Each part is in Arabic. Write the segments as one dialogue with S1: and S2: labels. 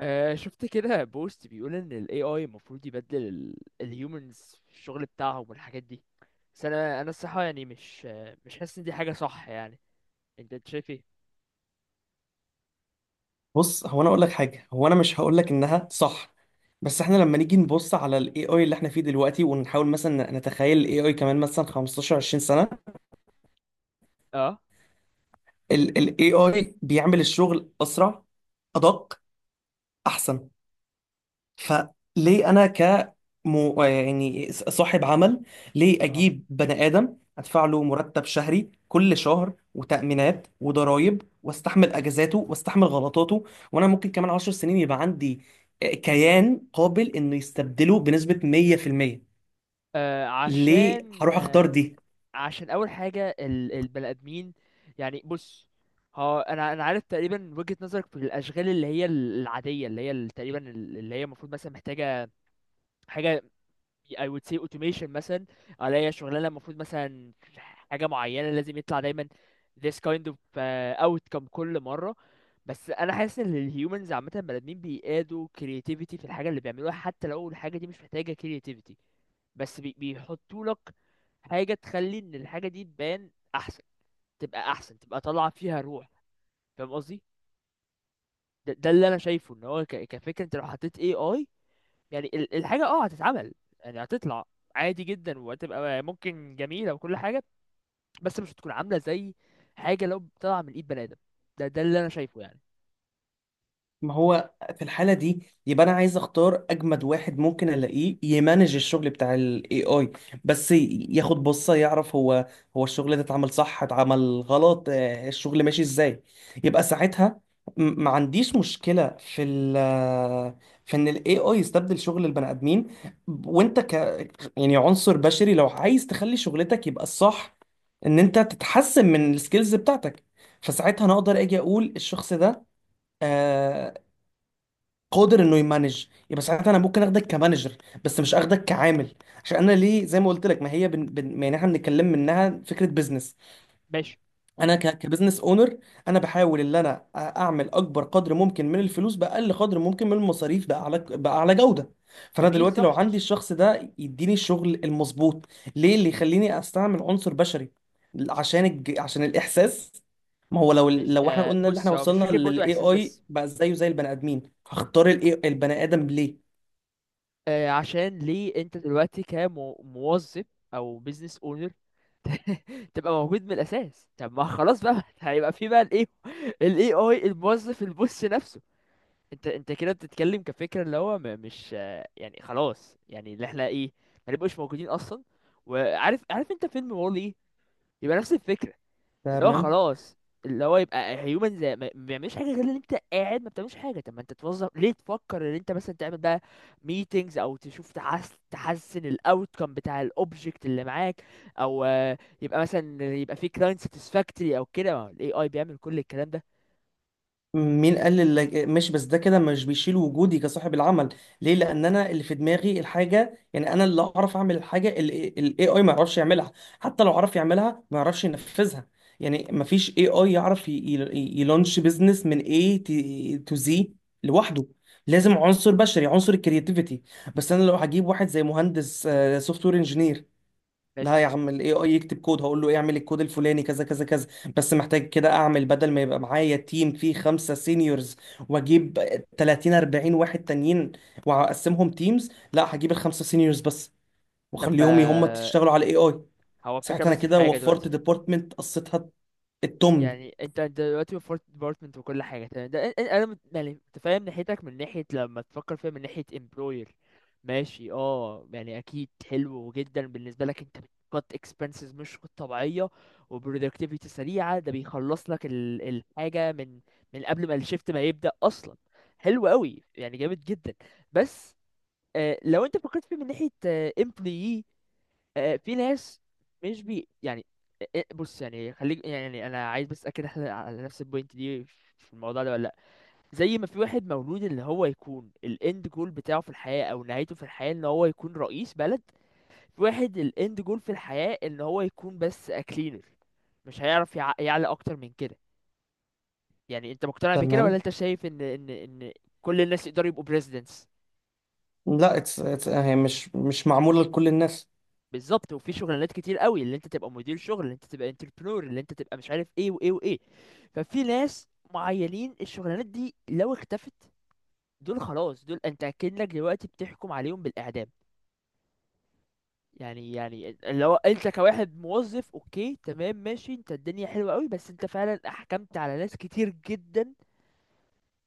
S1: آه، شفت كده بوست بيقول ان ال AI المفروض يبدل ال humans في الشغل بتاعهم والحاجات دي. بس انا الصراحة يعني مش مش حاسس ان دي حاجة صح يعني. أنت شايف ايه؟
S2: بص، هو انا اقول لك حاجه. هو انا مش هقول لك انها صح. بس احنا لما نيجي نبص على الاي اي اللي احنا فيه دلوقتي ونحاول مثلا نتخيل الاي اي كمان مثلا 15 20 سنه،
S1: اه.
S2: الاي اي بيعمل الشغل اسرع، ادق، احسن. فليه انا يعني صاحب عمل؟ ليه
S1: اه.
S2: اجيب بني ادم ادفع له مرتب شهري كل شهر وتأمينات وضرائب واستحمل اجازاته واستحمل غلطاته، وانا ممكن كمان عشر سنين يبقى عندي كيان قابل انه يستبدله بنسبة 100%؟
S1: آه،
S2: ليه
S1: عشان
S2: هروح اختار
S1: آه،
S2: دي؟
S1: عشان اول حاجة البني ادمين، يعني بص. ها، انا عارف تقريبا وجهة نظرك في الاشغال اللي هي العادية، اللي هي تقريبا اللي هي المفروض مثلا محتاجة حاجة، I would say automation مثلا، عليا شغلانه المفروض مثلا حاجه معينه لازم يطلع دايما this kind of outcome كل مره. بس انا حاسس ان الهيومنز عامه بني ادمين بيقادوا creativity في الحاجه اللي بيعملوها، حتى لو الحاجه دي مش محتاجه creativity. بس بيحطوا لك حاجه تخلي ان الحاجه دي تبان احسن، تبقى احسن، تبقى طالعه فيها روح. فاهم قصدي؟ ده اللي انا شايفه. ان هو كفكره انت لو حطيت AI، يعني الحاجة اه هتتعمل، يعني هتطلع عادي جدا، وهتبقى ممكن جميلة وكل حاجة، بس مش هتكون عاملة زي حاجة لو طالعة من ايد بني آدم. ده اللي انا شايفه يعني.
S2: ما هو في الحالة دي يبقى أنا عايز أختار أجمد واحد ممكن ألاقيه يمانج الشغل بتاع ال AI، بس ياخد بصة يعرف هو الشغل ده اتعمل صح اتعمل غلط، الشغل ماشي إزاي. يبقى ساعتها ما عنديش مشكلة في ال، في إن ال AI يستبدل شغل البني آدمين. وأنت يعني عنصر بشري لو عايز تخلي شغلتك يبقى الصح إن أنت تتحسن من السكيلز بتاعتك. فساعتها أنا أقدر أجي أقول الشخص ده آه، قادر انه يمانج، يبقى ساعتها انا ممكن اخدك كمانجر بس مش اخدك كعامل. عشان انا ليه زي ما قلت لك، ما هي ما يعني احنا بنتكلم منها فكره بزنس.
S1: ماشي.
S2: انا كبزنس اونر، انا بحاول ان انا اعمل اكبر قدر ممكن من الفلوس باقل قدر ممكن من المصاريف باعلى جوده. فانا
S1: جميل
S2: دلوقتي لو
S1: صح،
S2: عندي
S1: ماشي.
S2: الشخص ده يديني الشغل المظبوط، ليه اللي يخليني استعمل عنصر بشري؟ عشان الاحساس؟ ما هو لو
S1: مش
S2: لو احنا قلنا اللي احنا
S1: بص، هو مش
S2: وصلنا
S1: فكرة برضو
S2: للاي
S1: احساس
S2: اي
S1: بس.
S2: بقى زيه زي البني ادمين، هختار الاي البني ادم ليه؟
S1: عشان ليه انت دلوقتي كموظف او بيزنس اونر تبقى موجود من الاساس؟ طب ما خلاص بقى هيبقى في بقى الايه، الاي اي الموظف البص نفسه. انت كده بتتكلم كفكره اللي هو م- مش آه، يعني خلاص يعني اللي احنا ايه، ما نبقوش موجودين اصلا. عارف انت فيلم وولي؟ يبقى نفس الفكره، اللي هو
S2: تمام.
S1: خلاص، اللي هو يبقى هيومن زي ما بيعملش حاجه غير ان انت قاعد ما بتعملش حاجه. طب ما انت توظف ليه؟ تفكر ان انت مثلا تعمل بقى ميتينجز، او تشوف تحس تحسن الاوتكم بتاع الاوبجكت اللي معاك، او يبقى مثلا يبقى في كلاينت ساتسفاكتوري او كده. الاي اي بيعمل كل الكلام ده.
S2: مين قال اللي ماشي؟ بس ده كده مش بيشيل وجودي كصاحب العمل. ليه؟ لان انا اللي في دماغي الحاجه، يعني انا اللي اعرف اعمل الحاجه الاي اي ما يعرفش يعملها، حتى لو عرف يعملها ما يعرفش ينفذها. يعني ما فيش اي اي يعرف يلونش بزنس من اي تو زي لوحده. لازم عنصر بشري، عنصر الكرياتيفيتي. بس انا لو هجيب واحد زي مهندس سوفت وير انجينير، لا
S1: ماشي.
S2: يا عم الاي اي يكتب كود، هقول له اعمل الكود الفلاني كذا كذا كذا. بس محتاج كده اعمل بدل ما يبقى معايا تيم فيه خمسة سينيورز واجيب 30 40 واحد تانيين واقسمهم تيمز، لا هجيب الخمسة سينيورز بس
S1: طب
S2: واخليهم هم يشتغلوا على الاي اي.
S1: هو الفكره،
S2: ساعتها انا
S1: بس في
S2: كده
S1: حاجه
S2: وفرت
S1: دلوقتي.
S2: ديبارتمنت قصتها التمن.
S1: يعني انت دلوقتي فورت ديبارتمنت وكل حاجه تمام، ده يعني متفاهم ناحيتك من ناحيه لما تفكر فيها من ناحيه امبلوير. ماشي، اه يعني اكيد حلو جدا بالنسبه لك، انت بتقط اكسبنسز مش طبيعيه، وبرودكتيفيتي سريعه، ده بيخلص لك الحاجه من من قبل ما الشيفت ما يبدا اصلا. حلو قوي يعني، جامد جدا. بس آه، لو انت فكرت فيه من ناحيه امبلوي، في ناس مش يعني، بص يعني، خليك يعني انا عايز بس اتاكد احنا على نفس البوينت دي في الموضوع ده ولا لا. زي ما في واحد مولود اللي هو يكون الاند جول بتاعه في الحياة او نهايته في الحياة ان هو يكون رئيس بلد، في واحد الاند جول في الحياة ان هو يكون بس اكلينر، مش هيعرف يعلى اكتر من كده. يعني انت مقتنع بكده ولا
S2: تمام.
S1: انت شايف ان ان كل الناس يقدروا يبقوا presidents؟
S2: لا، it's هي مش معمولة لكل الناس.
S1: بالظبط. وفي شغلانات كتير قوي، اللي انت تبقى مدير شغل، اللي انت تبقى انتربرنور، اللي انت تبقى مش عارف ايه وايه وايه. ففي ناس معينين الشغلانات دي لو اختفت، دول خلاص، دول انت اكنك دلوقتي بتحكم عليهم بالاعدام. يعني يعني لو انت كواحد موظف اوكي تمام ماشي، انت الدنيا حلوه قوي، بس انت فعلا احكمت على ناس كتير جدا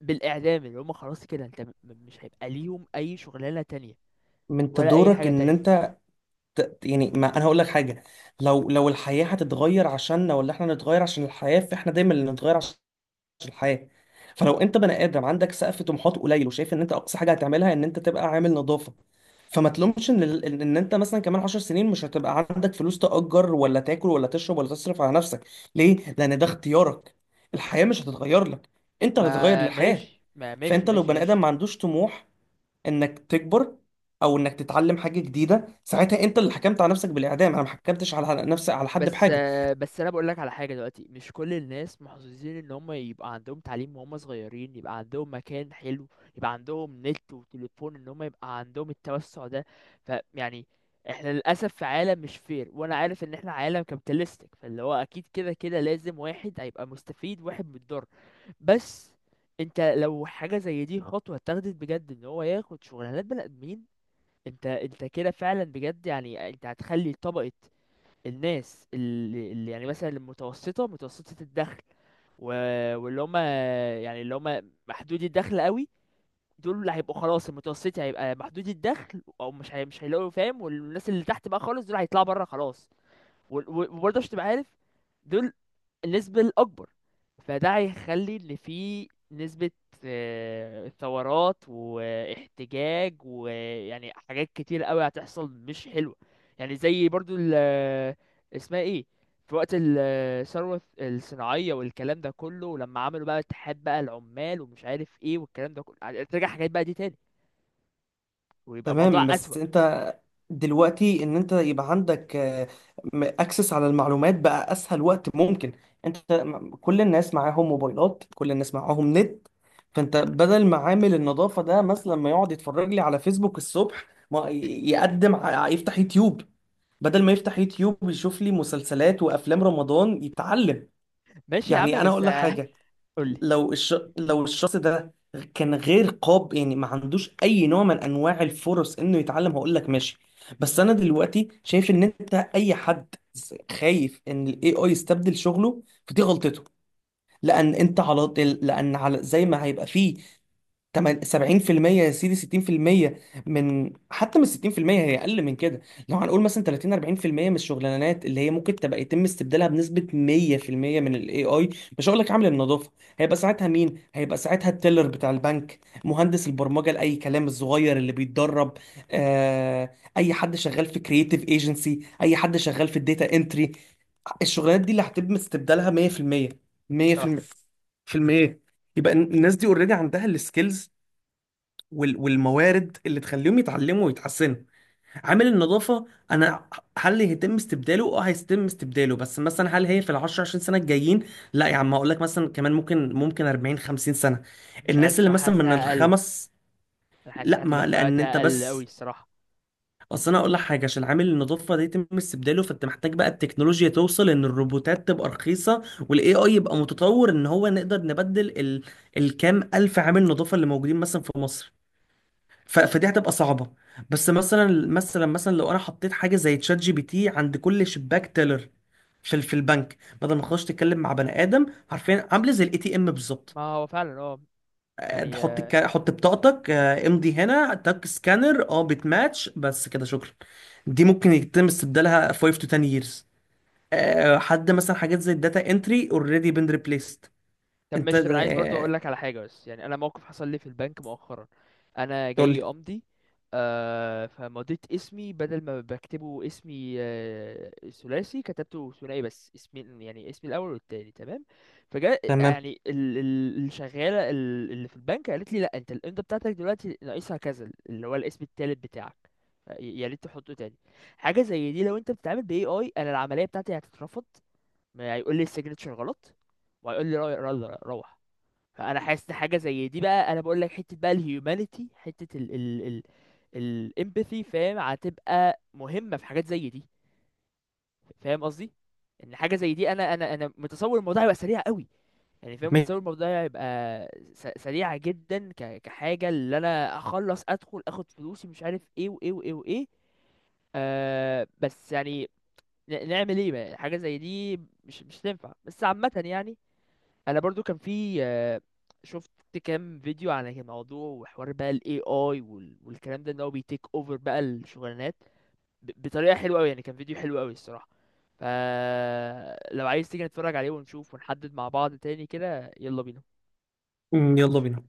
S1: بالاعدام، اللي هم خلاص كده انت مش هيبقى ليهم اي شغلانه تانية
S2: من انت
S1: ولا اي
S2: دورك
S1: حاجه
S2: ان
S1: تانية.
S2: انت يعني ما انا هقول لك حاجه. لو الحياه هتتغير عشاننا ولا احنا نتغير عشان الحياه، فاحنا دايما اللي نتغير عشان الحياه. فلو انت بني ادم عندك سقف طموحات قليل وشايف ان انت اقصى حاجه هتعملها ان انت تبقى عامل نظافه، فما تلومش ان ال- ان إن انت مثلا كمان 10 سنين مش هتبقى عندك فلوس تأجر ولا تاكل ولا تشرب ولا تصرف على نفسك. ليه؟ لان ده اختيارك، الحياه مش هتتغير لك، انت اللي هتتغير
S1: ما
S2: للحياه.
S1: ماشي ما ماشي
S2: فانت لو
S1: ماشي
S2: بني ادم
S1: ماشي.
S2: ما عندوش طموح انك تكبر او انك تتعلم حاجه جديده، ساعتها انت اللي حكمت على نفسك بالاعدام. انا ما حكمتش على نفسي على حد
S1: بس
S2: بحاجه.
S1: بس انا بقول لك على حاجه، دلوقتي مش كل الناس محظوظين ان هم يبقى عندهم تعليم وهم صغيرين، يبقى عندهم مكان حلو، يبقى عندهم نت وتليفون، ان هم يبقى عندهم التوسع ده. فيعني احنا للاسف في عالم مش فير، وانا عارف ان احنا عالم كابيتالستيك، فاللي هو اكيد كده كده لازم واحد هيبقى مستفيد واحد متضرر. بس انت لو حاجه زي دي خطوه اتاخدت بجد ان هو ياخد شغلانات بني ادمين، انت كده فعلا بجد يعني انت هتخلي طبقه الناس اللي يعني مثلا المتوسطة، متوسطة الدخل، و... واللي هم يعني اللي هم محدودي الدخل قوي، دول اللي هيبقوا خلاص. المتوسطي هيبقى محدودي الدخل، او مش هيلاقوا فاهم. والناس اللي تحت بقى خالص، دول هيطلعوا بره خلاص. وبرضه عشان تبقى عارف، دول النسبة الأكبر. فده هيخلي إن في نسبة ثورات واحتجاج ويعني حاجات كتير قوي هتحصل مش حلوة. يعني زي برضو ال، اسمها ايه، في وقت الثورة الصناعية والكلام ده كله، ولما عملوا بقى اتحاد بقى العمال ومش عارف ايه والكلام ده كله، ترجع حاجات بقى دي تاني ويبقى الموضوع
S2: تمام.
S1: أسوأ.
S2: بس انت دلوقتي ان انت يبقى عندك اكسس على المعلومات بقى اسهل وقت ممكن. انت كل الناس معاهم موبايلات، كل الناس معاهم نت. فانت بدل ما عامل النظافه ده مثلا ما يقعد يتفرج لي على فيسبوك الصبح، ما يقدم يفتح يوتيوب. بدل ما يفتح يوتيوب ويشوف لي مسلسلات وافلام رمضان، يتعلم.
S1: ماشي يا عم،
S2: يعني انا
S1: بس
S2: اقول لك حاجه،
S1: قولي.
S2: لو الشخص ده كان غير قاب، يعني ما عندوش اي نوع من انواع الفرص انه يتعلم، هقول لك ماشي. بس انا دلوقتي شايف ان انت اي حد خايف ان الاي اي يستبدل شغله فدي غلطته. لان انت على، لان على زي ما هيبقى فيه 70% يا سيدي 60%، من حتى من 60% هي اقل من كده. لو هنقول مثلا 30 40% من الشغلانات اللي هي ممكن تبقى يتم استبدالها بنسبه 100% من الاي اي، مش هقول لك عامل النظافه. هيبقى ساعتها مين؟ هيبقى ساعتها التيلر بتاع البنك، مهندس البرمجه لاي كلام الصغير اللي بيتدرب، اي حد شغال في كرييتيف ايجنسي، اي حد شغال في الداتا انتري. الشغلانات دي اللي هتتم استبدالها 100%،
S1: اه.
S2: 100% في المية، في المية. يبقى الناس دي اوريدي عندها السكيلز والموارد اللي تخليهم يتعلموا ويتحسنوا. عامل النظافة، أنا هل يتم استبداله؟ أه هيتم استبداله، بس مثلا هل هي في العشر عشرين سنة الجايين؟ لا يا عم هقول لك مثلا كمان ممكن 40 50 سنة.
S1: مش عارف،
S2: الناس اللي
S1: صح،
S2: مثلا من
S1: حاسسها أقل.
S2: الخمس،
S1: انا
S2: لا.
S1: حاسسها هتبقى
S2: ما لأن
S1: فئات
S2: أنت
S1: أقل أوي
S2: بس،
S1: الصراحة.
S2: أصل أنا هقول لك حاجة. عشان عامل النظافة ده يتم استبداله، فأنت محتاج بقى التكنولوجيا توصل إن الروبوتات تبقى رخيصة والاي اي يبقى متطور ان هو نقدر نبدل الكام الف عامل نظافة اللي موجودين مثلا في مصر. فدي هتبقى صعبه. بس مثلا لو انا حطيت حاجه زي تشات جي بي تي عند كل شباك تيلر في في البنك، بدل ما تخش تتكلم مع بني ادم، عارفين، عامله زي الاي تي ام بالظبط.
S1: ما هو فعلا اه. يعني آه،.
S2: حط بطاقتك، امضي هنا، تك سكانر، بتماتش، بس كده شكرا. دي ممكن يتم استبدالها 5 to 10 years. حد مثلا حاجات زي الداتا انتري اوريدي بين ريبليست.
S1: طب
S2: انت
S1: ماشي، طب انا عايز برضو اقول لك على حاجه، بس يعني انا موقف حصل لي في البنك مؤخرا. انا
S2: قول
S1: جاي
S2: لي.
S1: امضي، آه، فمضيت اسمي، بدل ما بكتبه اسمي آه ثلاثي كتبته ثنائي، بس اسمي يعني اسمي الاول والتاني تمام. فجاء
S2: تمام.
S1: يعني الشغاله اللي في البنك قالت لي لا انت الامضه بتاعتك دلوقتي ناقصها كذا، اللي هو الاسم التالت بتاعك، يا ريت تحطه تاني. حاجه زي دي لو انت بتتعامل ب AI، انا العمليه بتاعتي هتترفض، ما هيقول لي السيجنتشر غلط وهيقول لي روح. فانا حاسس إن حاجه زي دي، بقى انا بقول لك، حته بقى الهيومانيتي، حته ال الامباثي، فاهم، هتبقى مهمه في حاجات زي دي. فاهم قصدي؟ ان حاجه زي دي انا متصور الموضوع هيبقى سريع قوي، يعني فاهم،
S2: ماشي.
S1: متصور الموضوع هيبقى سريع جدا، كحاجه اللي انا اخلص ادخل اخد فلوسي مش عارف ايه وايه وايه وايه. آه بس يعني نعمل ايه بقى؟ حاجه زي دي مش مش تنفع، بس عامه يعني. انا برضو كان في شفت كام فيديو عن الموضوع وحوار بقى ال AI، والكلام ده ان هو بيتيك اوفر بقى الشغلانات بطريقة حلوة قوي، يعني كان فيديو حلو قوي الصراحة. ف لو عايز تيجي نتفرج عليه ونشوف ونحدد مع بعض تاني كده، يلا بينا.
S2: مم، يلا بينا.